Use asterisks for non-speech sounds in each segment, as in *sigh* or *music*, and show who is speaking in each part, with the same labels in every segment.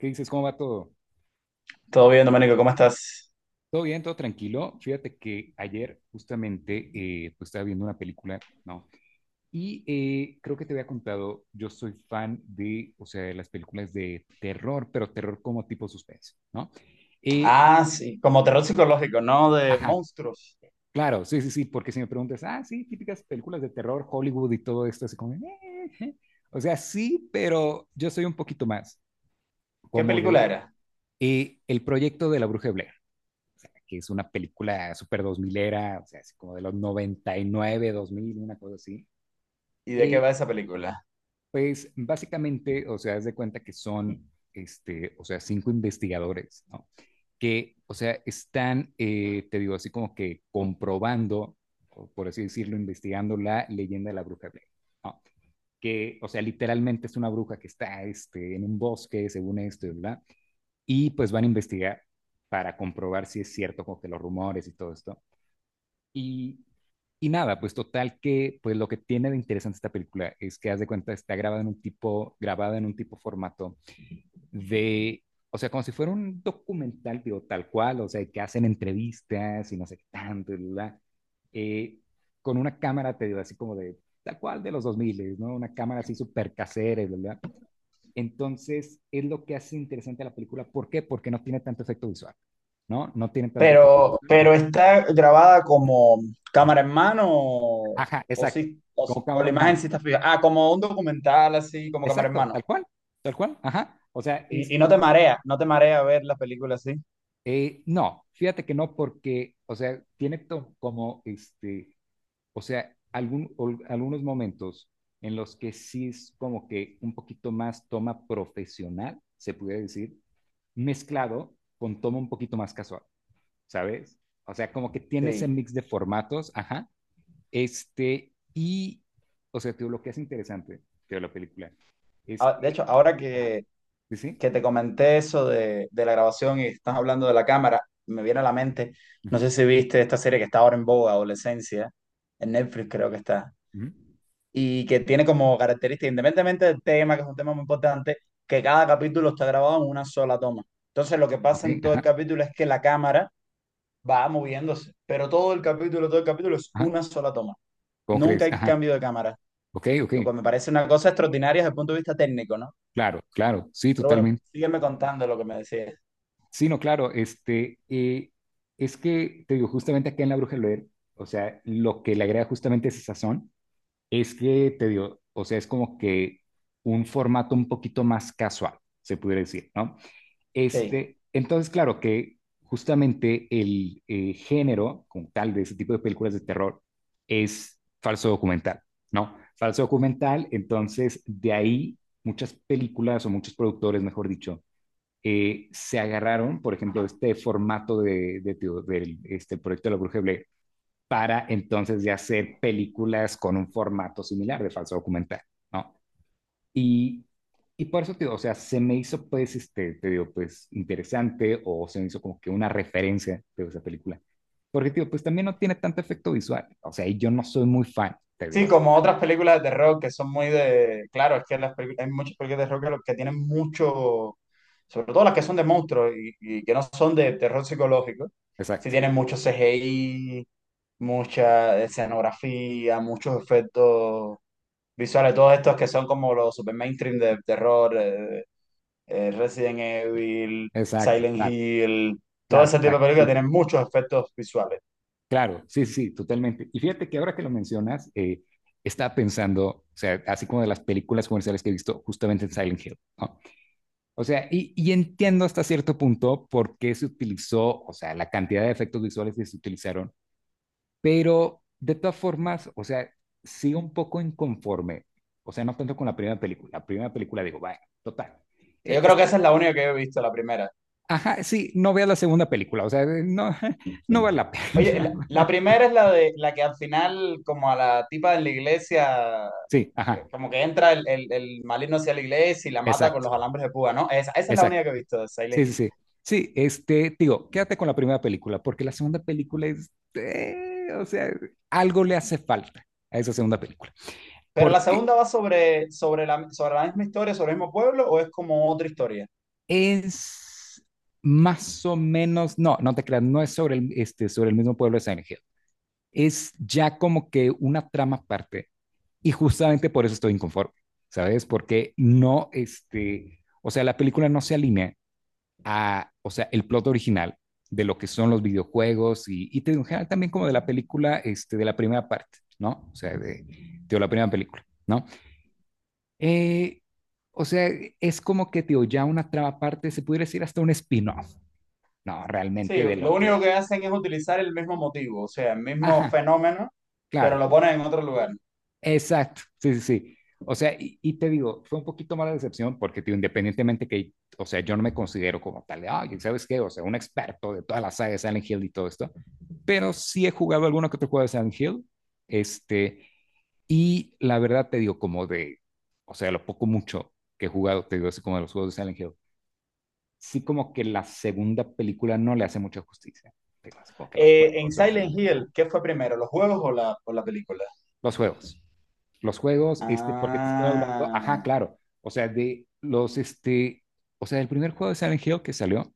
Speaker 1: ¿Qué dices? ¿Cómo va todo?
Speaker 2: Todo bien, Domenico, ¿cómo estás?
Speaker 1: Todo bien, todo tranquilo. Fíjate que ayer justamente pues estaba viendo una película, ¿no? Y creo que te había contado, yo soy fan de, o sea, de las películas de terror, pero terror como tipo suspense, ¿no? Eh,
Speaker 2: Ah, sí, como terror psicológico, ¿no? De
Speaker 1: ajá,
Speaker 2: monstruos.
Speaker 1: claro, sí, sí, sí, porque si me preguntas, ah, sí, típicas películas de terror, Hollywood y todo esto, así como, o sea, sí, pero yo soy un poquito más
Speaker 2: ¿Qué
Speaker 1: como
Speaker 2: película
Speaker 1: de
Speaker 2: era?
Speaker 1: el proyecto de la Bruja de Blair. Que es una película súper 2000 era, o sea, así como de los 99, 2000 una cosa así.
Speaker 2: ¿Y de qué
Speaker 1: Y
Speaker 2: va esa película?
Speaker 1: pues básicamente, o sea, haz de cuenta que son, este, o sea, cinco investigadores, ¿no? Que, o sea, están, te digo, así como que comprobando, o por así decirlo, investigando la leyenda de la bruja Blair, ¿no? Que, o sea, literalmente es una bruja que está este, en un bosque, según esto, ¿verdad? Y pues van a investigar para comprobar si es cierto como que los rumores y todo esto. Y Y nada, pues total que pues lo que tiene de interesante esta película es que haz de cuenta está grabada en un tipo formato de o sea, como si fuera un documental, digo, tal cual, o sea, que hacen entrevistas y no sé qué tanto, y bla, eh, con una cámara, te digo, así como de, tal cual de los 2000, ¿no? Una cámara así súper casera, y bla, bla. Entonces, es lo que hace interesante a la película. ¿Por qué? Porque no tiene tanto efecto visual, ¿no? No tiene tanto efecto.
Speaker 2: Pero
Speaker 1: Ajá,
Speaker 2: está grabada como
Speaker 1: ujú.
Speaker 2: cámara en mano o,
Speaker 1: Ajá,
Speaker 2: o
Speaker 1: exacto.
Speaker 2: sí, o,
Speaker 1: Como
Speaker 2: sí- o
Speaker 1: cámara
Speaker 2: la
Speaker 1: en
Speaker 2: imagen
Speaker 1: mano.
Speaker 2: sí está fija. Ah, como un documental así, como cámara en
Speaker 1: Exacto,
Speaker 2: mano.
Speaker 1: tal cual, ajá. O sea,
Speaker 2: Y no
Speaker 1: este,
Speaker 2: te marea, no te marea ver la película así.
Speaker 1: no, fíjate que no, porque, o sea, como, este, o sea, algunos momentos en los que sí es como que un poquito más toma profesional, se pudiera decir, mezclado con toma un poquito más casual, ¿sabes? O sea, como que tiene ese
Speaker 2: Sí.
Speaker 1: mix de formatos, ajá. Este, y, o sea, te digo, lo que es interesante de la película es
Speaker 2: Ah, de
Speaker 1: que,
Speaker 2: hecho, ahora
Speaker 1: ajá,
Speaker 2: que
Speaker 1: sí, sí.
Speaker 2: que te comenté eso de la grabación y estás hablando de la cámara, me viene a la mente,
Speaker 1: Ujú.
Speaker 2: no sé si viste esta serie que está ahora en boga, Adolescencia, en Netflix creo que está,
Speaker 1: Ujú.
Speaker 2: y que tiene como característica, independientemente del tema, que es un tema muy importante, que cada capítulo está grabado en una sola toma. Entonces lo que
Speaker 1: Ok,
Speaker 2: pasa en todo el
Speaker 1: ajá,
Speaker 2: capítulo es que la cámara va moviéndose, pero todo el capítulo es
Speaker 1: ajá.
Speaker 2: una sola toma.
Speaker 1: ¿Cómo
Speaker 2: Nunca
Speaker 1: crees?
Speaker 2: hay
Speaker 1: Ajá.
Speaker 2: cambio de cámara,
Speaker 1: Ok, ok.
Speaker 2: lo cual me parece una cosa extraordinaria desde el punto de vista técnico, ¿no?
Speaker 1: Claro, claro. Sí,
Speaker 2: Pero bueno,
Speaker 1: totalmente.
Speaker 2: sígueme contando lo que me decías.
Speaker 1: Sí, no, claro. Este, es que te digo, justamente acá en La Bruja del Oer, o sea, lo que le agrega justamente ese sazón es que te digo, o sea, es como que un formato un poquito más casual, se pudiera decir, ¿no?
Speaker 2: Sí.
Speaker 1: Este, entonces, claro que justamente el género, como tal, de ese tipo de películas de terror es falso documental, ¿no? Falso documental, entonces de ahí muchas películas o muchos productores, mejor dicho, se agarraron, por ejemplo, de este formato de este proyecto de la Bruja de Blair para entonces de hacer películas con un formato similar de falso documental, ¿no? Y y por eso te digo, o sea, se me hizo pues, este, te digo, pues interesante o se me hizo como que una referencia de esa película. Porque, tío, pues también no tiene tanto efecto visual. O sea, y yo no soy muy fan, te digo
Speaker 2: Sí,
Speaker 1: así.
Speaker 2: como otras películas de terror que son muy de. Claro, es que hay muchas películas de terror que, que tienen mucho, sobre todo las que son de monstruos y que no son de terror psicológico, sí
Speaker 1: Exacto,
Speaker 2: tienen mucho CGI, mucha escenografía, muchos efectos visuales, todos estos que son como los super mainstream de terror, Resident Evil,
Speaker 1: exacto,
Speaker 2: Silent
Speaker 1: claro,
Speaker 2: Hill, todo
Speaker 1: claro,
Speaker 2: ese tipo de
Speaker 1: exacto.
Speaker 2: películas
Speaker 1: Sí,
Speaker 2: tienen muchos efectos visuales.
Speaker 1: claro, sí, sí, totalmente. Y fíjate que ahora que lo mencionas, estaba pensando, o sea, así como de las películas comerciales que he visto justamente en Silent Hill, ¿no? O sea, y entiendo hasta cierto punto por qué se utilizó, o sea, la cantidad de efectos visuales que se utilizaron. Pero de todas formas, o sea, sí un poco inconforme. O sea, no tanto con la primera película. La primera película digo, vaya, total.
Speaker 2: Yo
Speaker 1: eh,
Speaker 2: creo que
Speaker 1: está-
Speaker 2: esa es la única que yo he visto, la primera.
Speaker 1: ajá, sí, no veas la segunda película. O sea, no, *laughs* no vale la
Speaker 2: Oye,
Speaker 1: pena.
Speaker 2: la,
Speaker 1: *laughs*
Speaker 2: la primera es la de la que al final, como a la tipa de la iglesia,
Speaker 1: Sí, ajá,
Speaker 2: como que entra el maligno hacia la iglesia y la mata con
Speaker 1: exacto,
Speaker 2: los alambres de púa, ¿no? Esa es la
Speaker 1: exacto.
Speaker 2: única que he visto de Silent
Speaker 1: Sí, sí,
Speaker 2: Hill.
Speaker 1: sí. Sí, este, digo, quédate con la primera película, porque la segunda película es, o sea, algo le hace falta a esa segunda película.
Speaker 2: Pero la
Speaker 1: Porque
Speaker 2: segunda va sobre la misma historia, sobre el mismo pueblo, o es como otra historia.
Speaker 1: es más o menos, no, no te creas, no es sobre el, este, sobre el mismo pueblo de Silent Hill. Es ya como que una trama aparte. Y justamente por eso estoy inconforme, ¿sabes? Porque no, este, o sea, la película no se alinea a, o sea, el plot original de lo que son los videojuegos y te digo, en general también como de la película, este, de la primera parte, ¿no? O sea, de la primera película, ¿no? Eh, o sea, es como que, tío, ya una trama aparte, se pudiera decir hasta un spin-off, no,
Speaker 2: Sí,
Speaker 1: realmente de
Speaker 2: lo
Speaker 1: lo
Speaker 2: único
Speaker 1: que.
Speaker 2: que hacen es utilizar el mismo motivo, o sea, el mismo
Speaker 1: Ajá,
Speaker 2: fenómeno, pero
Speaker 1: claro,
Speaker 2: lo ponen en otro lugar.
Speaker 1: exacto, sí, sí, sí. O sea, y te digo, fue un poquito mala decepción porque, tío, independientemente que, o sea, yo no me considero como tal de, ay, ¿sabes qué? O sea, un experto de toda la saga de Silent Hill y todo esto, pero sí he jugado alguno que otro juego de Silent Hill, este, y la verdad te digo, como de, o sea, lo poco mucho que he jugado, te digo, así como de los juegos de Silent Hill, sí como que la segunda película no le hace mucha justicia, te digo, así como que los
Speaker 2: En
Speaker 1: juegos
Speaker 2: Silent
Speaker 1: originales, ajá,
Speaker 2: Hill, ¿qué fue primero, los juegos o la película?
Speaker 1: los juegos. Los juegos, este, porque te estoy hablando, ajá,
Speaker 2: Ah,
Speaker 1: claro, o sea, de los, este, o sea, el primer juego de Silent Hill que salió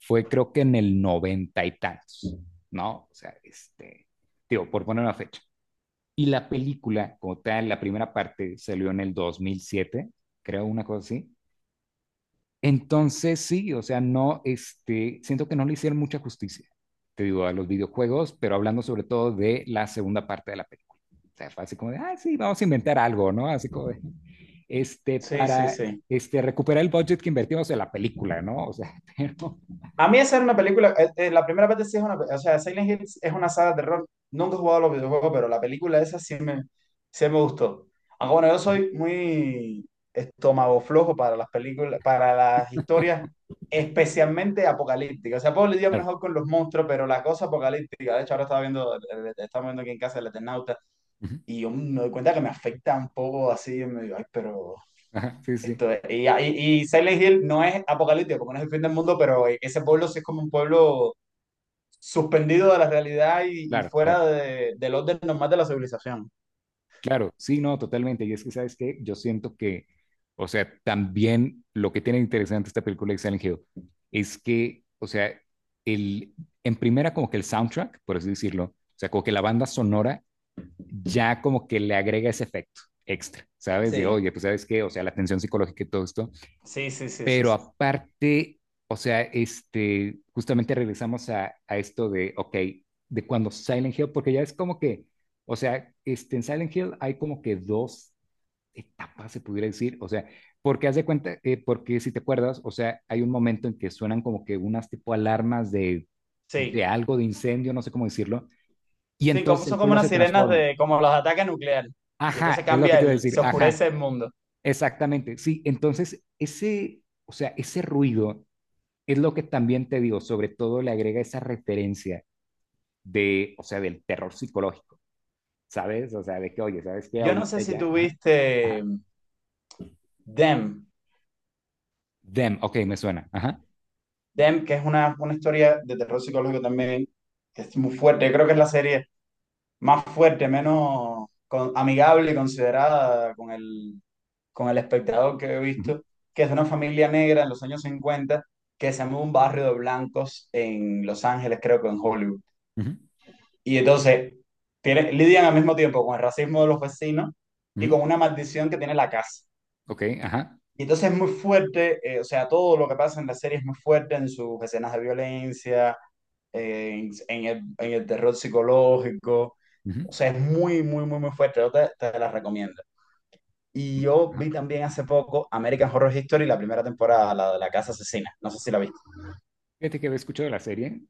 Speaker 1: fue creo que en el noventa y tantos, ¿no? O sea, este, digo, por poner una fecha. Y la película, como tal, la primera parte salió en el 2007 creo, una cosa así, entonces, sí, o sea, no, este, siento que no le hicieron mucha justicia, te digo, a los videojuegos, pero hablando sobre todo de la segunda parte de la película. O sea, fue así como de, ah, sí, vamos a inventar algo, ¿no? Así como de, este,
Speaker 2: sí, sí,
Speaker 1: para,
Speaker 2: sí.
Speaker 1: este, recuperar el budget que invertimos en la película, ¿no? O sea, *laughs* pero,
Speaker 2: A mí esa era una película, la primera parte sí es una, o sea, Silent Hill es una saga de terror. Nunca he jugado a los videojuegos, pero la película esa sí me gustó. Aunque bueno, yo soy muy estómago flojo para las películas, para las historias, especialmente apocalípticas. O sea, puedo lidiar
Speaker 1: claro.
Speaker 2: mejor con los monstruos, pero la cosa apocalíptica, de hecho ahora estaba viendo, estamos viendo aquí en casa el Eternauta,
Speaker 1: Ujú.
Speaker 2: y yo me doy cuenta que me afecta un poco así, me digo, ay, pero
Speaker 1: Ajá, sí,
Speaker 2: esto,
Speaker 1: sí,
Speaker 2: y Silent Hill no es apocalíptico, porque no es el fin del mundo, pero ese pueblo sí es como un pueblo suspendido de la realidad y
Speaker 1: claro, claro.
Speaker 2: fuera del orden normal de la civilización.
Speaker 1: Claro, sí, no, totalmente. Y es que, ¿sabes qué? Yo siento que, o sea, también lo que tiene de interesante esta película de Silent Hill es que, o sea, el, en primera como que el soundtrack, por así decirlo, o sea, como que la banda sonora ya como que le agrega ese efecto extra, ¿sabes? De,
Speaker 2: Sí,
Speaker 1: oye, pues, ¿sabes qué? O sea, la tensión psicológica y todo esto
Speaker 2: sí, sí, sí, sí,
Speaker 1: pero
Speaker 2: sí.
Speaker 1: aparte, o sea, este, justamente regresamos a esto de, ok, de cuando Silent Hill, porque ya es como que, o sea, este, en Silent Hill hay como que dos etapas, se pudiera decir, o sea, porque haz de cuenta, porque si te acuerdas, o sea, hay un momento en que suenan como que unas tipo alarmas de
Speaker 2: Sí,
Speaker 1: algo, de incendio, no sé cómo decirlo, y
Speaker 2: sí,
Speaker 1: entonces el
Speaker 2: son como
Speaker 1: pueblo
Speaker 2: unas
Speaker 1: se
Speaker 2: sirenas
Speaker 1: transforma.
Speaker 2: como los ataques nucleares. Y entonces
Speaker 1: Ajá, es lo que
Speaker 2: cambia
Speaker 1: te iba a decir,
Speaker 2: se
Speaker 1: ajá,
Speaker 2: oscurece el mundo.
Speaker 1: exactamente, sí, entonces ese, o sea, ese ruido es lo que también te digo, sobre todo le agrega esa referencia de, o sea, del terror psicológico, ¿sabes? O sea, de que, oye, ¿sabes qué?
Speaker 2: Yo no
Speaker 1: Ahorita
Speaker 2: sé si
Speaker 1: ya, ajá, ajá.
Speaker 2: tuviste them
Speaker 1: Them, ok, me suena, ajá,
Speaker 2: them que es una historia de terror psicológico también, que es muy fuerte. Yo creo que es la serie, más fuerte, menos amigable y considerada con el, espectador que he
Speaker 1: ujú,
Speaker 2: visto, que es de una familia negra en los años 50 que se muda a un barrio de blancos en Los Ángeles, creo que en Hollywood.
Speaker 1: ujú,
Speaker 2: Y entonces tiene, lidian al mismo tiempo con el racismo de los vecinos y
Speaker 1: ujú,
Speaker 2: con una maldición que tiene la casa.
Speaker 1: ok, ajá,
Speaker 2: Y entonces es muy fuerte, o sea, todo lo que pasa en la serie es muy fuerte en sus escenas de violencia, en el terror psicológico.
Speaker 1: ujú,
Speaker 2: O sea, es muy, muy, muy, muy fuerte. Yo te la recomiendo. Y yo
Speaker 1: ajá.
Speaker 2: vi también hace poco American Horror History, la primera temporada, la de la casa asesina. No sé si la viste.
Speaker 1: Fíjate que había escuchado la serie,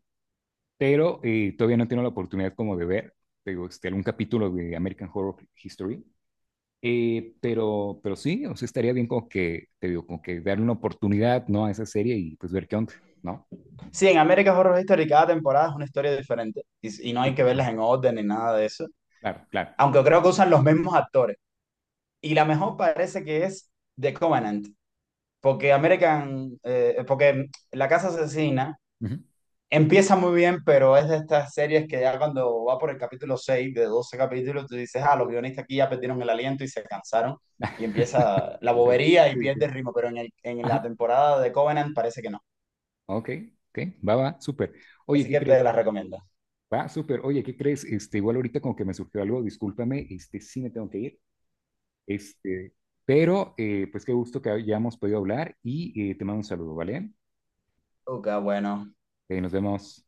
Speaker 1: pero todavía no tengo la oportunidad como de ver, te digo, este, algún capítulo de American Horror History, pero sí, o sea, estaría bien como que, te digo, como que darle una oportunidad, ¿no? A esa serie y pues ver qué onda, ¿no?
Speaker 2: Sí, en American Horror Story cada temporada es una historia diferente y no hay que
Speaker 1: Súper, ajá,
Speaker 2: verlas en orden ni nada de eso.
Speaker 1: claro, claro.
Speaker 2: Aunque creo que usan los mismos actores. Y la mejor parece que es The Covenant. Porque La Casa Asesina
Speaker 1: Ujú.
Speaker 2: empieza muy bien, pero es de estas series que ya cuando va por el capítulo 6 de 12 capítulos, tú dices, ah, los guionistas aquí ya perdieron el aliento y se cansaron. Y empieza la
Speaker 1: Sí,
Speaker 2: bobería y
Speaker 1: sí,
Speaker 2: pierde
Speaker 1: sí.
Speaker 2: el ritmo, pero en, en la
Speaker 1: Ajá,
Speaker 2: temporada de Covenant parece que no.
Speaker 1: ok, ok, va, va, súper. Oye,
Speaker 2: Así
Speaker 1: ¿qué
Speaker 2: que te
Speaker 1: crees?
Speaker 2: las recomiendo.
Speaker 1: Va, súper. Oye, ¿qué crees? Este, igual ahorita como que me surgió algo, discúlpame, este, sí me tengo que ir, este, pero pues qué gusto que hayamos podido hablar y te mando un saludo, ¿vale?
Speaker 2: Uca, bueno,
Speaker 1: Nos vemos.